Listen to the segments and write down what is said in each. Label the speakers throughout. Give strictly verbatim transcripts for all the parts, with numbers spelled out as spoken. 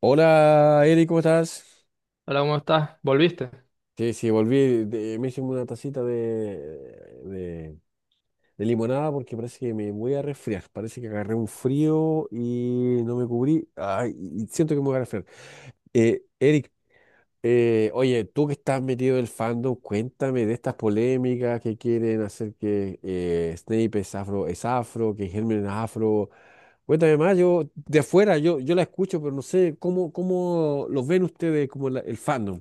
Speaker 1: Hola, Eri, ¿cómo estás?
Speaker 2: Hola, ¿cómo estás? ¿Volviste?
Speaker 1: Sí, sí, volví, de- me hice una tacita de, de- de limonada porque parece que me voy a resfriar. Parece que agarré un frío y no me cubrí. Ay, y siento que me voy a resfriar. Eh, Eric, eh, oye, tú que estás metido en el fandom, cuéntame de estas polémicas que quieren hacer que eh, Snape es afro, es afro, que Hermione es afro. Cuéntame más, yo de afuera, yo, yo la escucho, pero no sé cómo, cómo lo ven ustedes como la- el fandom.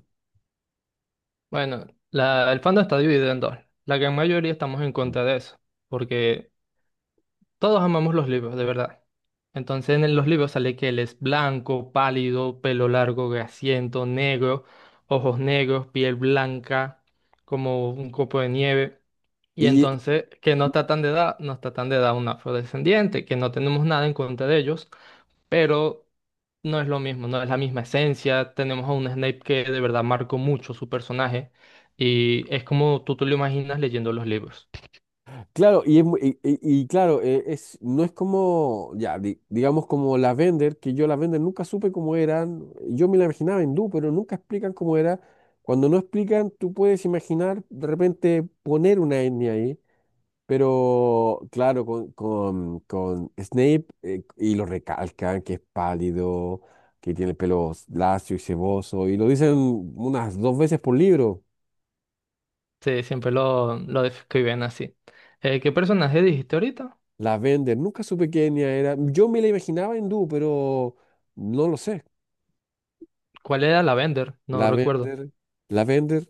Speaker 2: Bueno, la- el fandom está dividido en dos. La gran mayoría estamos en
Speaker 1: Mm.
Speaker 2: contra de eso, porque todos amamos los libros, de verdad. Entonces en los libros sale que él es blanco, pálido, pelo largo, grasiento, negro, ojos negros, piel blanca, como un copo de nieve. Y
Speaker 1: Y
Speaker 2: entonces que no está tan de edad, no está tan de edad un afrodescendiente, que no tenemos nada en contra de ellos, pero no es lo mismo, no es la misma esencia. Tenemos a un Snape que de verdad marcó mucho su personaje y es como tú te lo imaginas leyendo los libros.
Speaker 1: claro, y es mu- y- y- y claro, eh, es, no es como, ya, di- digamos como la Vender, que yo la Vender nunca supe cómo eran, yo me la imaginaba hindú, pero nunca explican cómo era. Cuando no explican, tú puedes imaginar de repente poner una etnia ahí, pero claro, con, con, con Snape eh, y lo recalcan, que es pálido, que tiene el pelo lacio y ceboso, y lo dicen unas dos veces por libro.
Speaker 2: Sí, siempre lo, lo describen así. Eh, ¿qué personaje dijiste ahorita?
Speaker 1: La Bender, nunca supe qué etnia era. Yo me la imaginaba hindú, pero no lo sé.
Speaker 2: ¿Cuál era la Bender? No
Speaker 1: La
Speaker 2: recuerdo.
Speaker 1: Bender, la Bender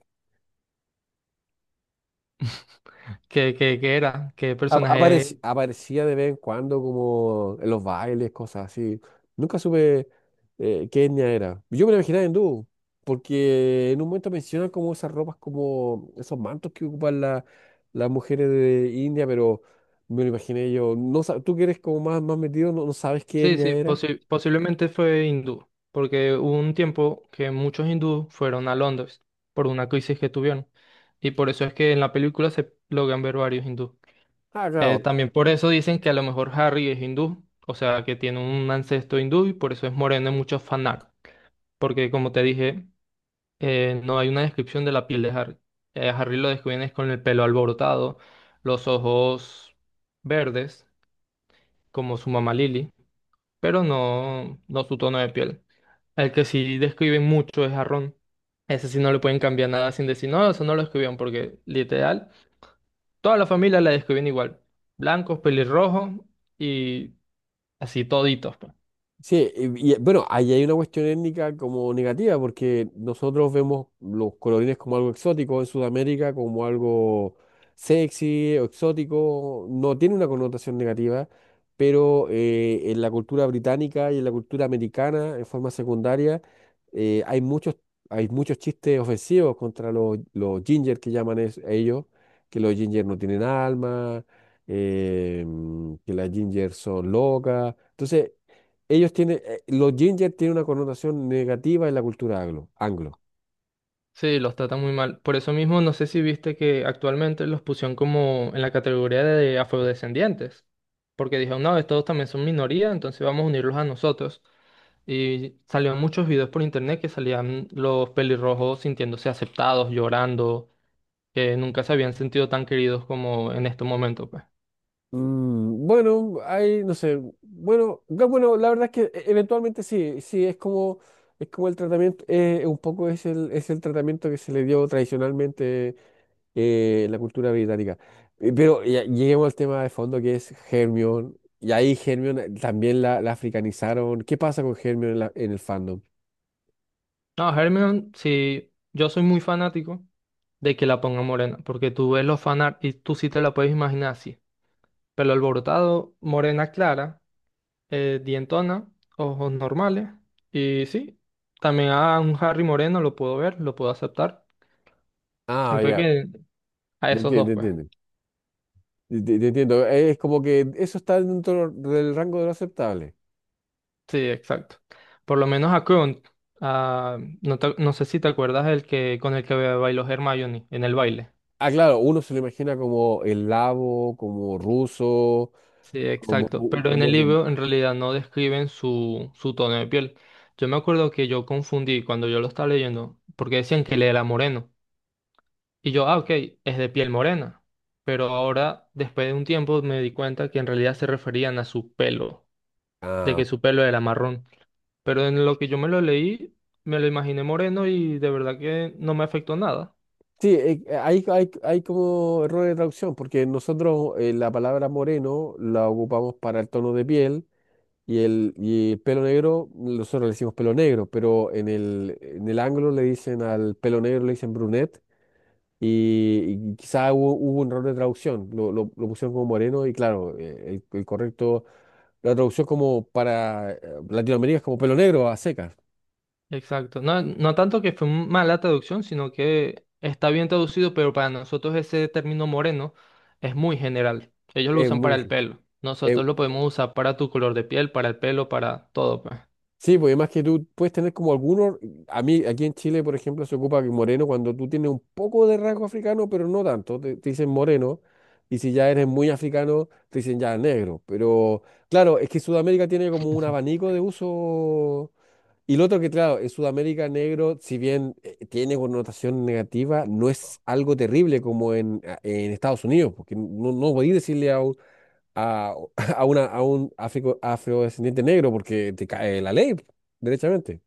Speaker 2: ¿Qué, qué, qué era? ¿Qué
Speaker 1: ap-
Speaker 2: personaje?
Speaker 1: aparec- aparecía de vez en cuando como en los bailes, cosas así. Nunca supe eh, qué etnia era. Yo me la imaginaba hindú, porque en un momento mencionan como esas ropas, como esos mantos que ocupan la- las mujeres de India, pero me lo imaginé yo. No, sa- tú que eres como más, más metido, no, no sabes qué
Speaker 2: Sí,
Speaker 1: etnia
Speaker 2: sí,
Speaker 1: era.
Speaker 2: posi- posiblemente fue hindú, porque hubo un tiempo que muchos hindúes fueron a Londres por una crisis que tuvieron, y por eso es que en la película se logran ver varios hindúes.
Speaker 1: Ah,
Speaker 2: Eh,
Speaker 1: claro.
Speaker 2: también por eso dicen que a lo mejor Harry es hindú, o sea, que tiene un ancestro hindú y por eso es moreno en muchos fanart, porque como te dije, eh, no hay una descripción de la piel de Harry. Eh, a Harry lo describen es con el pelo alborotado, los ojos verdes, como su mamá Lily, pero no, no su tono de piel. El que sí describen mucho es a Ron. Ese sí no le pueden cambiar nada sin decir, no, eso no lo escribieron, porque literal, toda la familia la describen igual. Blancos, pelirrojos y así toditos, pues.
Speaker 1: Sí, y, y, bueno, ahí hay una cuestión étnica como negativa, porque nosotros vemos los colorines como algo exótico en Sudamérica, como algo sexy o exótico, no tiene una connotación negativa, pero eh, en la cultura británica y en la cultura americana, en forma secundaria, eh, hay muchos, hay muchos chistes ofensivos contra los, los ginger que llaman es- ellos, que los ginger no tienen alma, eh, que las ginger son locas. Entonces, ellos tienen, eh, los ginger tienen una connotación negativa en la cultura anglo, anglo.
Speaker 2: Sí, los tratan muy mal. Por eso mismo, no sé si viste que actualmente los pusieron como en la categoría de afrodescendientes. Porque dijeron, no, estos también son minoría, entonces vamos a unirlos a nosotros. Y salieron muchos videos por internet que salían los pelirrojos sintiéndose aceptados, llorando, que nunca se habían sentido tan queridos como en este momento, pues.
Speaker 1: Mm, bueno, hay, no sé, bueno, ga- bueno, la verdad es que e- eventualmente sí, sí, es como, es como el tratamiento, eh, un poco es el, es el tratamiento que se le dio tradicionalmente eh, en la cultura británica. Eh, Pero ya- lleguemos al tema de fondo que es Hermione, y ahí Hermione eh, también la, la africanizaron. ¿Qué pasa con Hermione en, la- en el fandom?
Speaker 2: No, Hermione, sí, yo soy muy fanático de que la pongan morena, porque tú ves los fanart y tú sí te la puedes imaginar así. Pelo alborotado, morena clara, eh, dientona, ojos normales. Y sí, también a un Harry moreno lo puedo ver, lo puedo aceptar.
Speaker 1: Ah,
Speaker 2: Siempre
Speaker 1: ya,
Speaker 2: que a esos dos,
Speaker 1: entiende,
Speaker 2: pues.
Speaker 1: entiende. Te, te- te entiendo. Eh, es como que eso está dentro del rango de lo aceptable.
Speaker 2: Sí, exacto. Por lo menos a Krunt. A- no, te- no sé si te acuerdas el que, con el que bailó Hermione en el baile.
Speaker 1: Ah, claro, uno se lo imagina como eslavo, como ruso,
Speaker 2: Sí,
Speaker 1: como,
Speaker 2: exacto.
Speaker 1: ru-
Speaker 2: Pero en
Speaker 1: como
Speaker 2: el
Speaker 1: rum-
Speaker 2: libro en realidad no describen su, su tono de piel. Yo me acuerdo que yo confundí cuando yo lo estaba leyendo, porque decían que él era moreno. Y yo, ah, ok, es de piel morena. Pero ahora, después de un tiempo, me di cuenta que en realidad se referían a su pelo, de
Speaker 1: Ah,
Speaker 2: que su pelo era marrón. Pero en lo que yo me lo leí, me lo imaginé moreno y de verdad que no me afectó nada.
Speaker 1: sí, eh, eh, hay, hay, hay como error de traducción, porque nosotros eh, la palabra moreno la ocupamos para el tono de piel y el, y el pelo negro, nosotros le decimos pelo negro, pero en el, en el anglo le dicen al pelo negro, le dicen brunette y, y quizá hubo, hubo un error de traducción, lo, lo- lo pusieron como moreno y claro, eh, el, el correcto, la traducción como para eh, Latinoamérica es como pelo negro a secas.
Speaker 2: Exacto. No, no tanto que fue un- mala traducción, sino que está bien traducido, pero para nosotros ese término moreno es muy general. Ellos lo
Speaker 1: Es
Speaker 2: usan para el
Speaker 1: muy-
Speaker 2: pelo.
Speaker 1: eh,
Speaker 2: Nosotros lo podemos usar para tu color de piel, para el pelo, para todo, pues.
Speaker 1: sí, pues además que tú puedes tener como algunos, a mí aquí en Chile, por ejemplo, se ocupa que moreno cuando tú tienes un poco de rasgo africano, pero no tanto, te, te dicen moreno. Y si ya eres muy africano, te dicen ya negro. Pero claro, es que Sudamérica tiene como un abanico de uso. Y lo otro que, claro, en Sudamérica negro, si bien eh, tiene connotación negativa, no es algo terrible como en, a- en Estados Unidos, porque no, no podéis decirle a un, a, a una, a un africo- afrodescendiente negro porque te cae la ley, derechamente.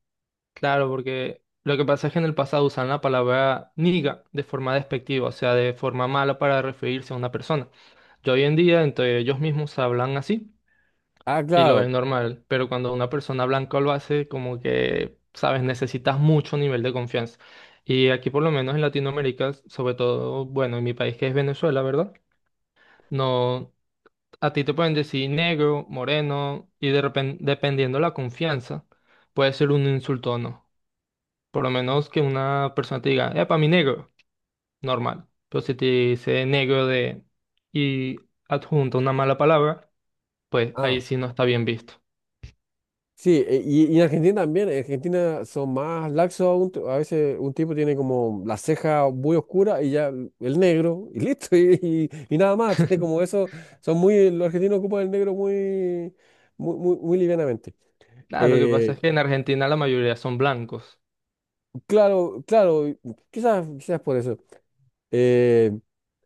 Speaker 2: Claro, porque lo que pasa es que en el pasado usaban la palabra niga de forma despectiva, o sea, de forma mala para referirse a una persona. Yo hoy en día entre ellos mismos hablan así
Speaker 1: Ah,
Speaker 2: y lo
Speaker 1: claro.
Speaker 2: ven normal, pero cuando una persona blanca lo hace, como que, sabes, necesitas mucho nivel de confianza. Y aquí por lo menos en Latinoamérica, sobre todo, bueno, en mi país que es Venezuela, ¿verdad? No, a ti te pueden decir negro, moreno y de repente, dependiendo la confianza, puede ser un insulto o no. Por lo menos que una persona te diga, para mi negro, normal. Pero si te dice negro de y adjunta una mala palabra, pues
Speaker 1: Ah,
Speaker 2: ahí sí no está bien visto.
Speaker 1: sí, e- y, y en Argentina también, en Argentina son más laxos, aún, t- a veces un tipo tiene como la ceja muy oscura y ya l- el negro, y listo, y, y, y nada más, tiene como eso, son muy, los argentinos ocupan el negro muy, muy, muy, muy livianamente.
Speaker 2: Nada, lo que pasa es
Speaker 1: Eh,
Speaker 2: que en Argentina la mayoría son blancos.
Speaker 1: claro, claro, y quizás, quizás por eso. Eh,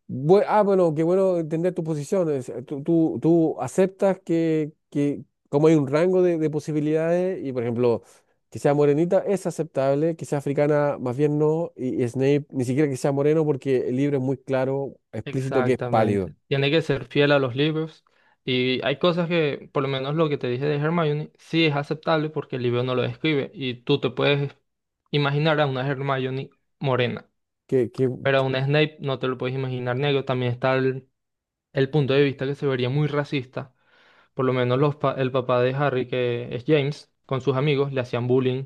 Speaker 1: Bue- ah, bueno, qué bueno entender tu posición. Es, eh, tú, tú, tú aceptas que, que como hay un rango de, de posibilidades y, por ejemplo, que sea morenita es aceptable, que sea africana más bien no, y, y Snape ni siquiera que sea moreno porque el libro es muy claro, explícito que es pálido.
Speaker 2: Exactamente. Tiene que ser fiel a los libros. Y hay cosas que, por lo menos lo que te dije de Hermione, sí es aceptable porque el libro no lo describe. Y tú te puedes imaginar a una Hermione morena,
Speaker 1: Que, que,
Speaker 2: pero a una Snape no te lo puedes imaginar negro. También está el el punto de vista que se vería muy racista. Por lo menos los pa- el papá de Harry, que es James, con sus amigos le hacían bullying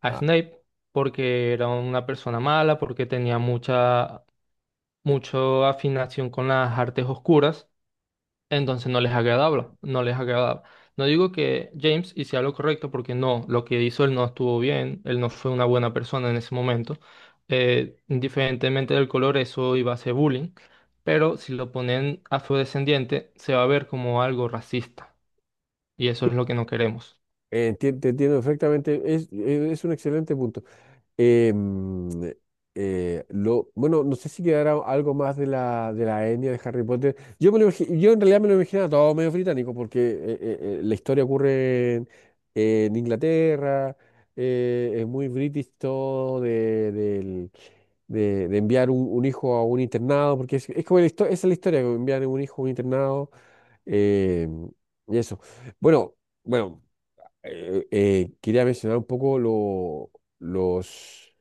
Speaker 2: a Snape porque era una persona mala, porque tenía mucha, mucha afinación con las artes oscuras. Entonces no les agradaba, no les agradaba. No digo que James hiciera lo correcto porque no, lo que hizo él no estuvo bien, él no fue una buena persona en ese momento. Eh, indiferentemente del color, eso iba a ser bullying, pero si lo ponen afrodescendiente, se va a ver como algo racista y eso es lo que no queremos.
Speaker 1: eh, enti- te entiendo perfectamente, es, eh, es un excelente punto. Eh, mm, eh, lo, bueno, no sé si quedará algo más de la, de la etnia de Harry Potter. Yo, me lo imagi- yo en realidad me lo imaginaba todo medio británico, porque eh, eh, eh, la historia ocurre en, en Inglaterra, eh, es muy british todo de, del- de, de enviar un, un hijo a un internado, porque es, es como la histo- esa es la historia, como enviar un hijo a un internado. eh, y eso. Bueno, bueno, eh, eh, quería mencionar un poco lo- los,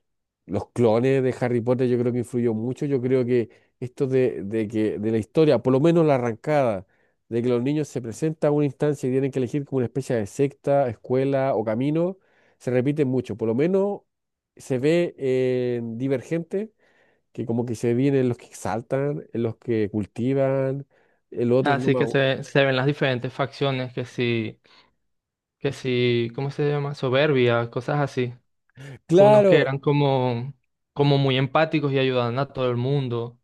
Speaker 1: los clones de Harry Potter, yo creo que influyó mucho. Yo creo que esto de, de que de la historia, por lo menos la arrancada, de que los niños se presentan a una instancia y tienen que elegir como una especie de secta, escuela o camino, se repite mucho. Por lo menos se ve en Divergente, que como que se vienen los que exaltan, en los que cultivan, el otro no
Speaker 2: Así
Speaker 1: me
Speaker 2: que
Speaker 1: acuerdo.
Speaker 2: se, se ven las diferentes facciones, que si, que si, ¿cómo se llama? Soberbia, cosas así. Unos que
Speaker 1: Claro,
Speaker 2: eran como, como muy empáticos y ayudaban a todo el mundo.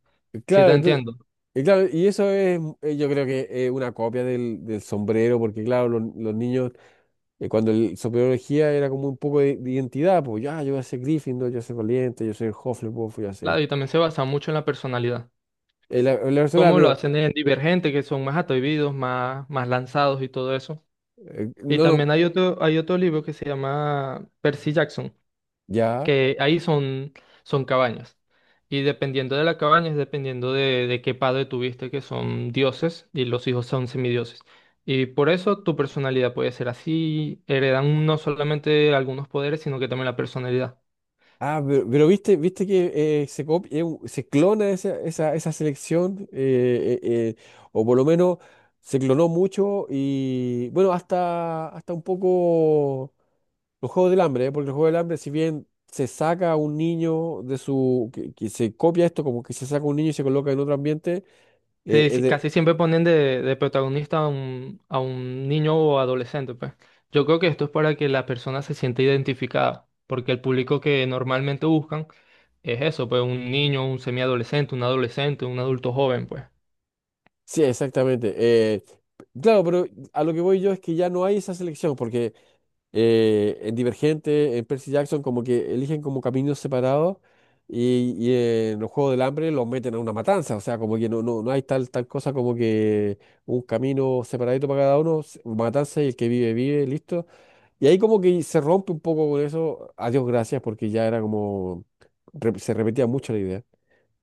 Speaker 2: Sí, te
Speaker 1: claro.
Speaker 2: entiendo.
Speaker 1: Y claro, y eso es, eh, yo creo que es una copia del, del sombrero, porque claro, los, los niños, eh, cuando el sombrero elegía era como un poco de, de identidad, pues ya, yo voy a ser Gryffindor, yo voy a ser Valiente, yo soy Hufflepuff, yo voy a
Speaker 2: Claro,
Speaker 1: ser
Speaker 2: y también se basa mucho en la personalidad.
Speaker 1: el, el Arsala,
Speaker 2: Cómo lo
Speaker 1: pero
Speaker 2: hacen en Divergente, que son más atrevidos, más, más lanzados y todo eso.
Speaker 1: eh,
Speaker 2: Y
Speaker 1: no lo,
Speaker 2: también hay otro, hay otro libro que se llama Percy Jackson,
Speaker 1: ya.
Speaker 2: que ahí son, son cabañas. Y dependiendo de la cabaña, es dependiendo de, de qué padre tuviste, que son dioses y los hijos son semidioses. Y por eso tu personalidad puede ser así, heredan no solamente algunos poderes, sino que también la personalidad.
Speaker 1: Ah, pero, pero viste, viste que eh, se copia, eh, u- se clona esa, esa, esa selección, eh, eh, eh, o por lo menos se clonó mucho y bueno, hasta, hasta un poco Los Juegos del Hambre, ¿eh? Porque los Juegos del Hambre, si bien se saca a un niño de su... que, que se copia esto, como que se saca un niño y se coloca en otro ambiente, eh,
Speaker 2: Sí,
Speaker 1: es
Speaker 2: sí, casi
Speaker 1: de-
Speaker 2: siempre ponen de, de protagonista a un, a un niño o adolescente, pues. Yo creo que esto es para que la persona se sienta identificada, porque el público que normalmente buscan es eso, pues un niño, un semiadolescente, un adolescente, un adulto joven, pues.
Speaker 1: sí, exactamente. Eh, claro, pero a lo que voy yo es que ya no hay esa selección, porque eh, en Divergente, en Percy Jackson, como que eligen como caminos separados y, y en los Juegos del Hambre los meten a una matanza, o sea, como que no, no, no hay tal, tal cosa como que un camino separadito para cada uno, s- matanza y el que vive, vive, listo. Y ahí como que se rompe un poco con eso, a Dios gracias, porque ya era como, re- se repetía mucho la idea.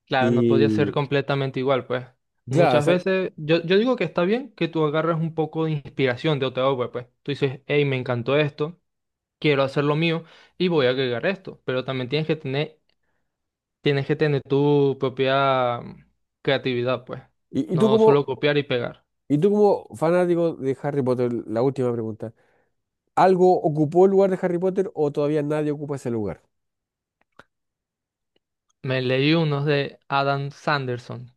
Speaker 2: Claro, no podía ser
Speaker 1: Y
Speaker 2: completamente igual, pues.
Speaker 1: claro,
Speaker 2: Muchas
Speaker 1: esa-
Speaker 2: veces, yo, yo digo que está bien que tú agarres un poco de inspiración de otra obra, pues. Tú dices, hey, me encantó esto, quiero hacer lo mío y voy a agregar esto. Pero también tienes que tener, tienes que tener tu propia mm, creatividad, pues.
Speaker 1: y, y tú
Speaker 2: No
Speaker 1: como,
Speaker 2: solo copiar y pegar.
Speaker 1: y tú como fanático de Harry Potter, la última pregunta, ¿algo ocupó el lugar de Harry Potter o todavía nadie ocupa ese lugar?
Speaker 2: Me leí unos de Adam Sanderson,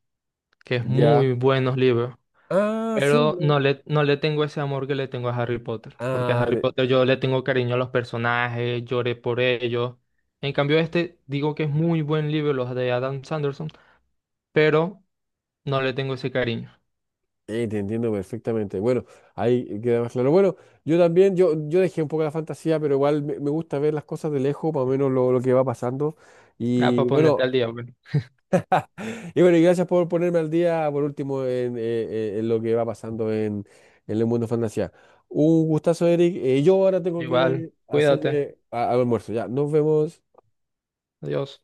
Speaker 2: que es
Speaker 1: Ya.
Speaker 2: muy buenos libros.
Speaker 1: Ah, sí.
Speaker 2: Pero
Speaker 1: No.
Speaker 2: no le, no le tengo ese amor que le tengo a Harry Potter, porque a
Speaker 1: Ah,
Speaker 2: Harry
Speaker 1: de-
Speaker 2: Potter yo le tengo cariño a los personajes, lloré por ellos. En cambio, este digo que es muy buen libro, los de Adam Sanderson, pero no le tengo ese cariño.
Speaker 1: eh, te entiendo perfectamente. Bueno, ahí queda más claro. Bueno, yo también, yo, yo dejé un poco la fantasía, pero igual me, me gusta ver las cosas de lejos, más o menos lo, lo que va pasando.
Speaker 2: Ah, para
Speaker 1: Y
Speaker 2: ponerte
Speaker 1: bueno,
Speaker 2: al día, bueno.
Speaker 1: y bueno, y gracias por ponerme al día, por último, en, eh, eh, en lo que va pasando en, en el mundo fantasía. Un gustazo, Eric. Eh, yo ahora tengo
Speaker 2: Igual,
Speaker 1: que
Speaker 2: cuídate.
Speaker 1: hacerme a- al almuerzo. Ya, nos vemos.
Speaker 2: Adiós.